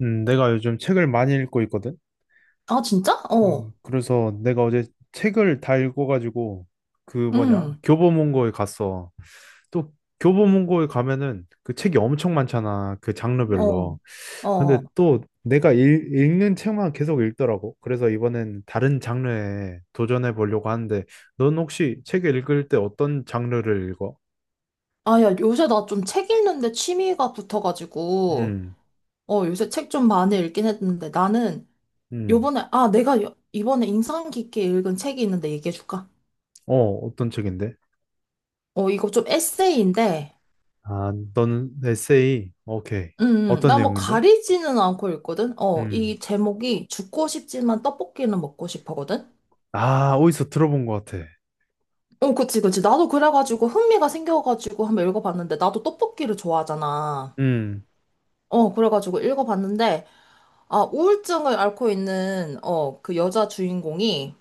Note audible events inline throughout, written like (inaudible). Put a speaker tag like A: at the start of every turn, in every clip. A: 내가 요즘 책을 많이 읽고 있거든.
B: 아, 진짜? 어.
A: 그래서 내가 어제 책을 다 읽어가지고 그 뭐냐
B: 응.
A: 교보문고에 갔어. 또 교보문고에 가면은 그 책이 엄청 많잖아. 그
B: 어.
A: 장르별로. 근데
B: 어.
A: 또 내가 읽는 책만 계속 읽더라고. 그래서 이번엔 다른 장르에 도전해 보려고 하는데, 넌 혹시 책을 읽을 때 어떤 장르를 읽어?
B: 아, 야, 요새 나 좀 책 읽는데 취미가 붙어가지고,
A: 음.
B: 요새 책 좀 많이 읽긴 했는데, 나는
A: 음.
B: 요번에, 아, 내가 이번에 인상 깊게 읽은 책이 있는데 얘기해줄까?
A: 어, 어떤 책인데?
B: 어, 이거 좀 에세이인데.
A: 아, 너는 에세이. 오케이.
B: 음,
A: 어떤
B: 나 뭐
A: 내용인데?
B: 가리지는 않고 읽거든?
A: 음.
B: 이 제목이 죽고 싶지만 떡볶이는 먹고 싶어거든?
A: 아, 어디서 들어본 것 같아.
B: 어, 그치, 그치. 나도 그래가지고 흥미가 생겨가지고 한번 읽어봤는데, 나도 떡볶이를 좋아하잖아.
A: 음.
B: 그래가지고 읽어봤는데, 아, 우울증을 앓고 있는, 그 여자 주인공이,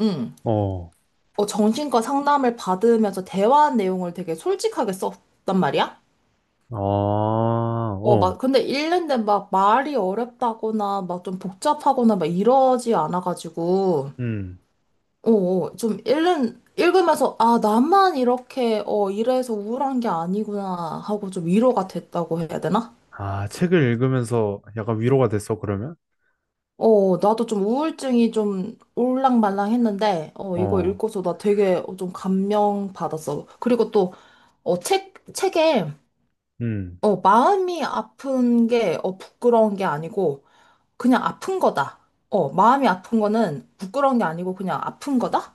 B: 음,
A: 어.
B: 정신과 상담을 받으면서 대화한 내용을 되게 솔직하게 썼단 말이야?
A: 아. 어.
B: 막, 근데 읽는데 막 말이 어렵다거나, 막 좀 복잡하거나, 막 이러지 않아가지고,
A: 음.
B: 좀 읽으면서, 아, 나만 이렇게, 이래서 우울한 게 아니구나 하고 좀 위로가 됐다고 해야 되나?
A: 아, 책을 읽으면서 약간 위로가 됐어, 그러면?
B: 나도 좀 우울증이 좀 올랑말랑했는데, 이거
A: 어.
B: 읽고서 나 되게 좀 감명 받았어. 그리고 또, 책에,
A: 음.
B: 마음이 아픈 게, 부끄러운 게 아니고, 그냥 아픈 거다. 마음이 아픈 거는 부끄러운 게 아니고, 그냥 아픈 거다?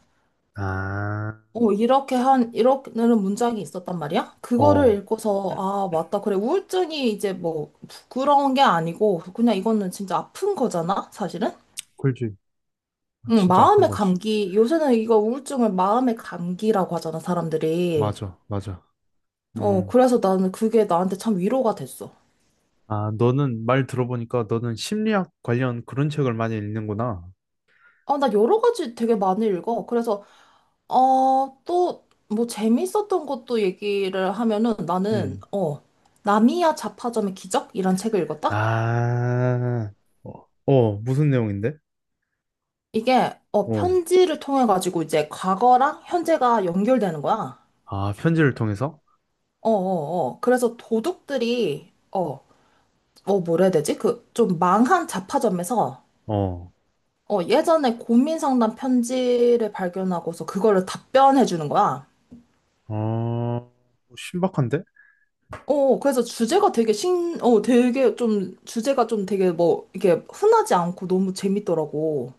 A: 아.
B: 이렇게는 문장이 있었단 말이야? 그거를
A: 어,
B: 읽고서, 아, 맞다. 그래, 우울증이 이제 뭐, 부끄러운 게 아니고, 그냥 이거는 진짜 아픈 거잖아? 사실은?
A: 그렇지.
B: 응,
A: 진짜 아픈
B: 마음의
A: 거지.
B: 감기. 요새는 이거 우울증을 마음의 감기라고 하잖아, 사람들이.
A: 맞아, 맞아. 음.
B: 그래서 나는 그게 나한테 참 위로가 됐어.
A: 아, 너는 말 들어보니까 너는 심리학 관련 그런 책을 많이 읽는구나.
B: 아, 나 여러 가지 되게 많이 읽어. 그래서, 또, 뭐, 재밌었던 것도 얘기를 하면은 나는,
A: 음.
B: 나미야 자파점의 기적이란 책을 읽었다?
A: 아, 어, 어, 무슨 내용인데?
B: 이게,
A: 어,
B: 편지를 통해가지고 이제 과거랑 현재가 연결되는 거야.
A: 아, 편지를 통해서?
B: 어, 어, 어. 그래서 도둑들이, 뭐라 해야 되지? 그, 좀 망한 자파점에서
A: 어,
B: 예전에 고민 상담 편지를 발견하고서 그거를 답변해 주는 거야.
A: 어, 신박한데?
B: 그래서 주제가 되게 신, 어, 되게 좀, 주제가 좀 되게 뭐, 이게 흔하지 않고 너무 재밌더라고.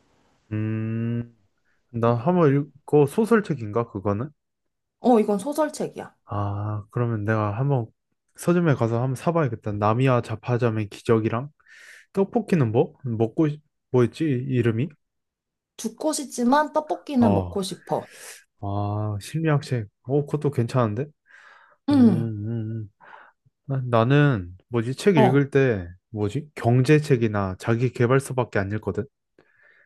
A: 음, 나 한번 읽고 소설책인가 그거는?
B: 어, 이건 소설책이야.
A: 아, 그러면 내가 한번 서점에 가서 한번 사봐야겠다. 나미와 자파자의 기적이랑 떡볶이는 뭐? 뭐였지 이름이?
B: 죽고 싶지만 떡볶이는
A: 어,
B: 먹고 싶어.
A: 아, 심리학책. 어, 그것도 괜찮은데? 음,
B: 응,
A: 음, 음. 나는 뭐지 책
B: 어.
A: 읽을 때 뭐지 경제책이나 자기계발서밖에 안 읽거든.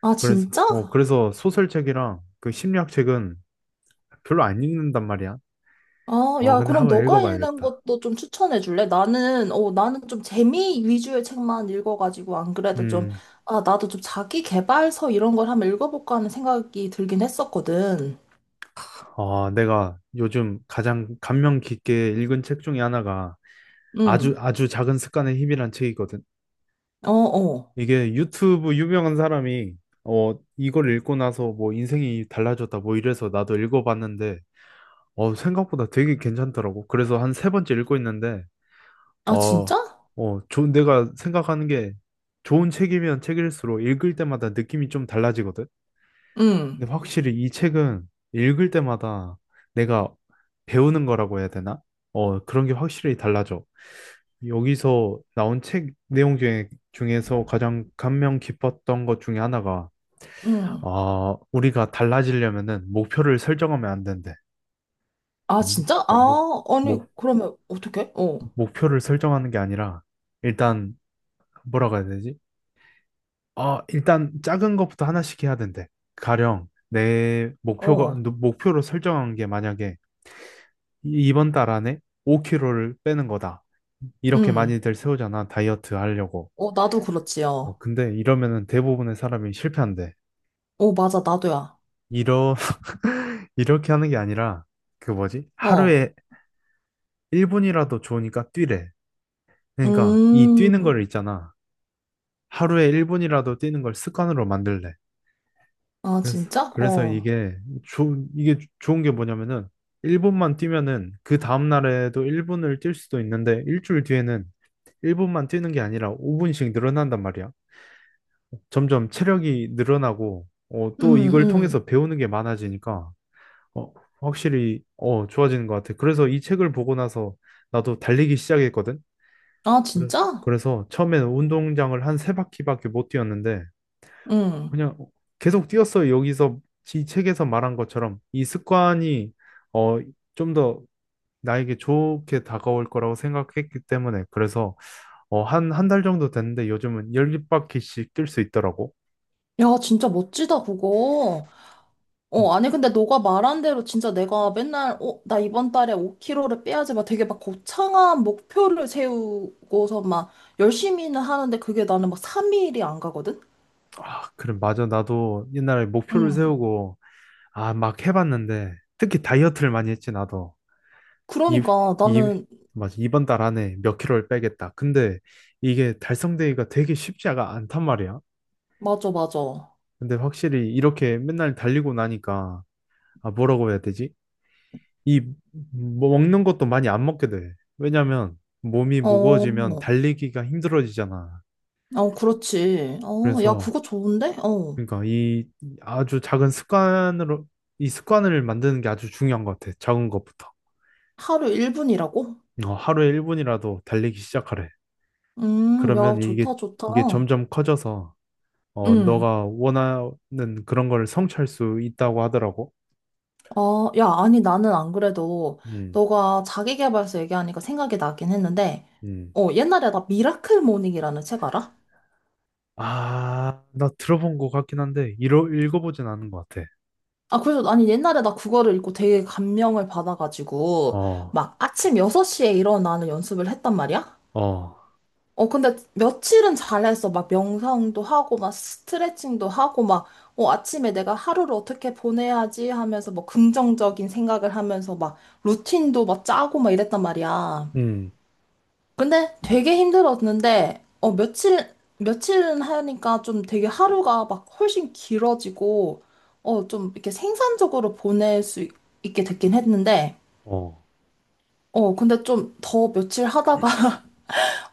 B: 아,
A: 그래서
B: 진짜?
A: 어, 그래서 소설책이랑 그 심리학책은 별로 안 읽는단 말이야.
B: 아,
A: 어,
B: 야,
A: 근데
B: 그럼
A: 한번
B: 너가 읽는
A: 읽어봐야겠다.
B: 것도 좀 추천해 줄래? 나는 좀 재미 위주의 책만 읽어가지고, 안 그래도 좀,
A: 음.
B: 아, 나도 좀 자기 개발서 이런 걸 한번 읽어볼까 하는 생각이 들긴 했었거든.
A: 어, 내가 요즘 가장 감명 깊게 읽은 책 중에 하나가 아주
B: 응,
A: 아주 작은 습관의 힘이란 책이거든.
B: 어, 어.
A: 이게 유튜브 유명한 사람이 어, 이걸 읽고 나서 뭐 인생이 달라졌다 뭐 이래서 나도 읽어봤는데, 어, 생각보다 되게 괜찮더라고. 그래서 한 세 번째 읽고 있는데,
B: 아,
A: 어,
B: 진짜?
A: 어, 좋은 내가 생각하는 게 좋은 책이면 책일수록 읽을 때마다 느낌이 좀 달라지거든.
B: 응,
A: 근데 확실히 이 책은 읽을 때마다 내가 배우는 거라고 해야 되나? 어, 그런 게 확실히 달라져. 여기서 나온 책 내용 중에서 가장 감명 깊었던 것 중에 하나가,
B: 응.
A: 아, 우리가 달라지려면은 목표를 설정하면 안 된대.
B: 아, 진짜?
A: 어,
B: 아, 아니,
A: 목,
B: 그러면 어떡해? 어,
A: 목표를 설정하는 게 아니라, 일단, 뭐라고 해야 되지? 아, 일단 작은 것부터 하나씩 해야 된대. 가령,
B: 어,
A: 목표로 설정한 게 만약에 이번 달 안에 5kg를 빼는 거다. 이렇게
B: 응.
A: 많이들 세우잖아, 다이어트 하려고.
B: 어, 나도
A: 어,
B: 그렇지요.
A: 근데 이러면은 대부분의 사람이 실패한대.
B: 어, 어, 맞아, 나도야.
A: 이러, (laughs) 이렇게 하는 게 아니라, 그 뭐지?
B: 어,
A: 하루에 1분이라도 좋으니까 뛰래. 그러니까 이 뛰는
B: 음,
A: 걸 있잖아. 하루에 1분이라도 뛰는 걸 습관으로 만들래.
B: 아,
A: 그래서,
B: 진짜?
A: 그래서
B: 어,
A: 이게, 좋 이게 좋은 게 뭐냐면은, 1분만 뛰면은 그 다음날에도 1분을 뛸 수도 있는데, 일주일 뒤에는 1분만 뛰는 게 아니라 5분씩 늘어난단 말이야. 점점 체력이 늘어나고, 어, 또
B: 음,
A: 이걸
B: 음.
A: 통해서 배우는 게 많아지니까, 어, 확실히, 어, 좋아지는 것 같아. 그래서 이 책을 보고 나서 나도 달리기 시작했거든.
B: 아,
A: 그래서,
B: 진짜?
A: 그래서 처음에는 운동장을 한 세 바퀴밖에 못 뛰었는데,
B: 응.
A: 그냥 계속 뛰었어. 여기서 이 책에서 말한 것처럼 이 습관이, 어, 좀 더 나에게 좋게 다가올 거라고 생각했기 때문에, 그래서 어, 한, 한 달 정도 됐는데 요즘은 10바퀴씩 뛸 수 있더라고.
B: 야, 진짜 멋지다, 그거.
A: 어,
B: 어, 아니, 근데 너가 말한 대로 진짜 내가 맨날, 나 이번 달에 5kg를 빼야지, 막 되게 막 거창한 목표를 세우고서 막 열심히는 하는데 그게 나는 막 3일이 안 가거든?
A: 아, 그래, 맞아. 나도 옛날에 목표를
B: 응.
A: 세우고, 아, 막 해봤는데, 특히 다이어트를 많이 했지, 나도. 이,
B: 그러니까
A: 이,
B: 나는,
A: 맞아. 이번 달 안에 몇 킬로를 빼겠다. 근데 이게 달성되기가 되게 쉽지가 않단 말이야.
B: 맞아, 맞아. 어,
A: 근데 확실히 이렇게 맨날 달리고 나니까, 아, 뭐라고 해야 되지? 이, 뭐 먹는 것도 많이 안 먹게 돼. 왜냐면 몸이 무거워지면 달리기가 힘들어지잖아.
B: 어, 그렇지. 어, 야,
A: 그래서,
B: 그거 좋은데? 어,
A: 그러니까 이 아주 작은 습관으로 이 습관을 만드는 게 아주 중요한 것 같아. 작은 것부터.
B: 하루 1분이라고?
A: 어, 하루에 1분이라도 달리기 시작하래. 그러면
B: 야,
A: 이게
B: 좋다,
A: 이게
B: 좋다.
A: 점점 커져서 어,
B: 음.
A: 너가 원하는 그런 걸 성취할 수 있다고 하더라고.
B: 어, 야, 아니, 나는 안 그래도
A: 음.
B: 너가 자기계발서 얘기하니까 생각이 나긴 했는데,
A: 음.
B: 옛날에 나 미라클 모닝이라는 책 알아?
A: 아, 나 들어본 것 같긴 한데 읽어보진 않은 것 같아.
B: 아, 그래서, 아니, 옛날에 나 그거를 읽고 되게 감명을 받아가지고,
A: 어.
B: 막 아침 6시에 일어나는 연습을 했단 말이야?
A: 어.
B: 어, 근데 며칠은 잘했어. 막 명상도 하고, 막 스트레칭도 하고, 막, 아침에 내가 하루를 어떻게 보내야지 하면서, 뭐, 긍정적인 생각을 하면서, 막, 루틴도 막 짜고, 막 이랬단 말이야.
A: 음.
B: 근데 되게 힘들었는데, 며칠은 하니까 좀 되게 하루가 막 훨씬 길어지고, 좀 이렇게 생산적으로 보낼 수 있게 됐긴 했는데,
A: 어.
B: 근데 좀 더 며칠 하다가, (laughs)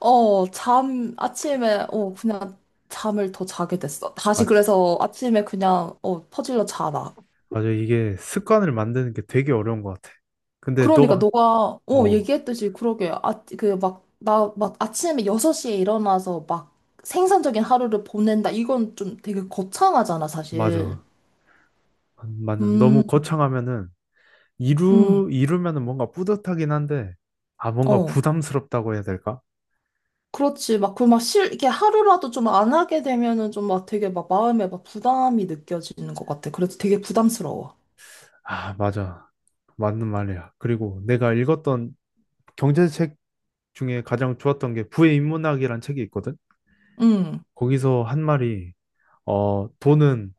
B: 아침에, 그냥 잠을 더 자게 됐어. 다시
A: 맞.
B: 그래서 아침에 그냥, 퍼질러 자라.
A: 맞아. 이게 습관을 만드는 게 되게 어려운 것 같아. 근데
B: 그러니까
A: 너가.
B: 너가
A: 어.
B: 얘기했듯이 그러게 아그막나막 아침에 6시에 일어나서 막 생산적인 하루를 보낸다, 이건 좀 되게 거창하잖아, 사실.
A: 맞아. 맞는 너무
B: 음
A: 거창하면은
B: 음
A: 이루면은 뭔가 뿌듯하긴 한데, 아, 뭔가
B: 어,
A: 부담스럽다고 해야 될까?
B: 그렇지. 막 그 막 실 이렇게 하루라도 좀 안 하게 되면은 좀 막 되게 막 마음에 막 부담이 느껴지는 것 같아. 그래서 되게 부담스러워.
A: 아, 맞아, 맞는 말이야. 그리고 내가 읽었던 경제책 중에 가장 좋았던 게 부의 인문학이란 책이 있거든.
B: 음아
A: 거기서 한 말이 어, 돈은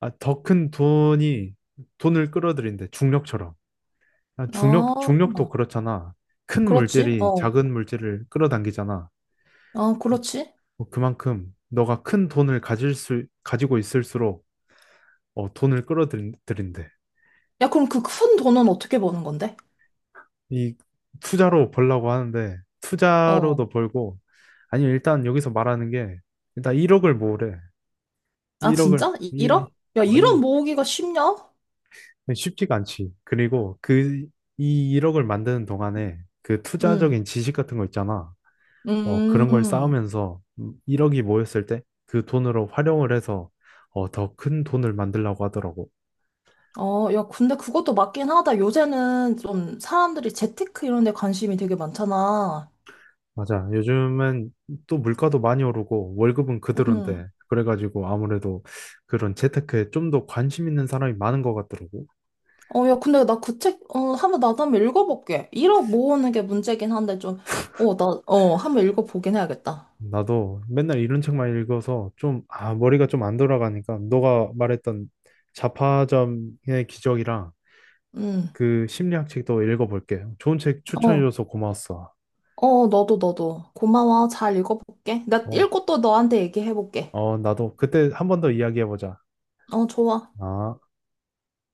A: 아, 더 큰 돈이 돈을 끌어들인대, 중력처럼. 아, 중력도 그렇잖아. 큰
B: 그렇지.
A: 물질이
B: 어아
A: 작은 물질을 끌어당기잖아.
B: 그렇지.
A: 뭐 그만큼 너가 큰 돈을 가질 수 가지고 있을수록, 어, 돈을 끌어들인대.
B: 야, 그럼 그 큰 돈은 어떻게 버는 건데?
A: 이 투자로 벌라고 하는데, 투자로도
B: 어,
A: 벌고, 아니면 일단 여기서 말하는 게 일단 1억을 모으래.
B: 아, 진짜?
A: 1억을
B: 일억?
A: 1,
B: 야,
A: 어,
B: 일억
A: 이
B: 모으기가 쉽냐?
A: 쉽지가 않지. 그리고 이 1억을 만드는 동안에 그
B: 음,
A: 투자적인 지식 같은 거 있잖아. 어, 그런 걸
B: 음,
A: 쌓으면서 1억이 모였을 때 그 돈으로 활용을 해서, 어, 더 큰 돈을 만들라고 하더라고.
B: 어, 야, 근데 그것도 맞긴 하다. 요새는 좀 사람들이 재테크 이런 데 관심이 되게 많잖아.
A: 맞아. 요즘은 또 물가도 많이 오르고 월급은
B: 음,
A: 그대로인데 그래가지고 아무래도 그런 재테크에 좀 더 관심 있는 사람이 많은 것 같더라고.
B: 어, 야, 근데 나 그 책, 한번 나도 한번 읽어볼게. 일억 모으는 게 문제긴 한데 좀, 한번 읽어보긴 해야겠다.
A: 나도 맨날 이런 책만 읽어서 좀, 아, 머리가 좀 안 돌아가니까 너가 말했던 자파점의 기적이랑
B: 음,
A: 그 심리학 책도 읽어볼게. 좋은 책
B: 어,
A: 추천해줘서 고마웠어.
B: 어, 너도, 너도. 고마워. 잘 읽어볼게. 나
A: 어,
B: 읽고 또 너한테 얘기해볼게.
A: 어, 나도 그때 한 번 더 이야기해보자.
B: 어, 좋아.
A: 아.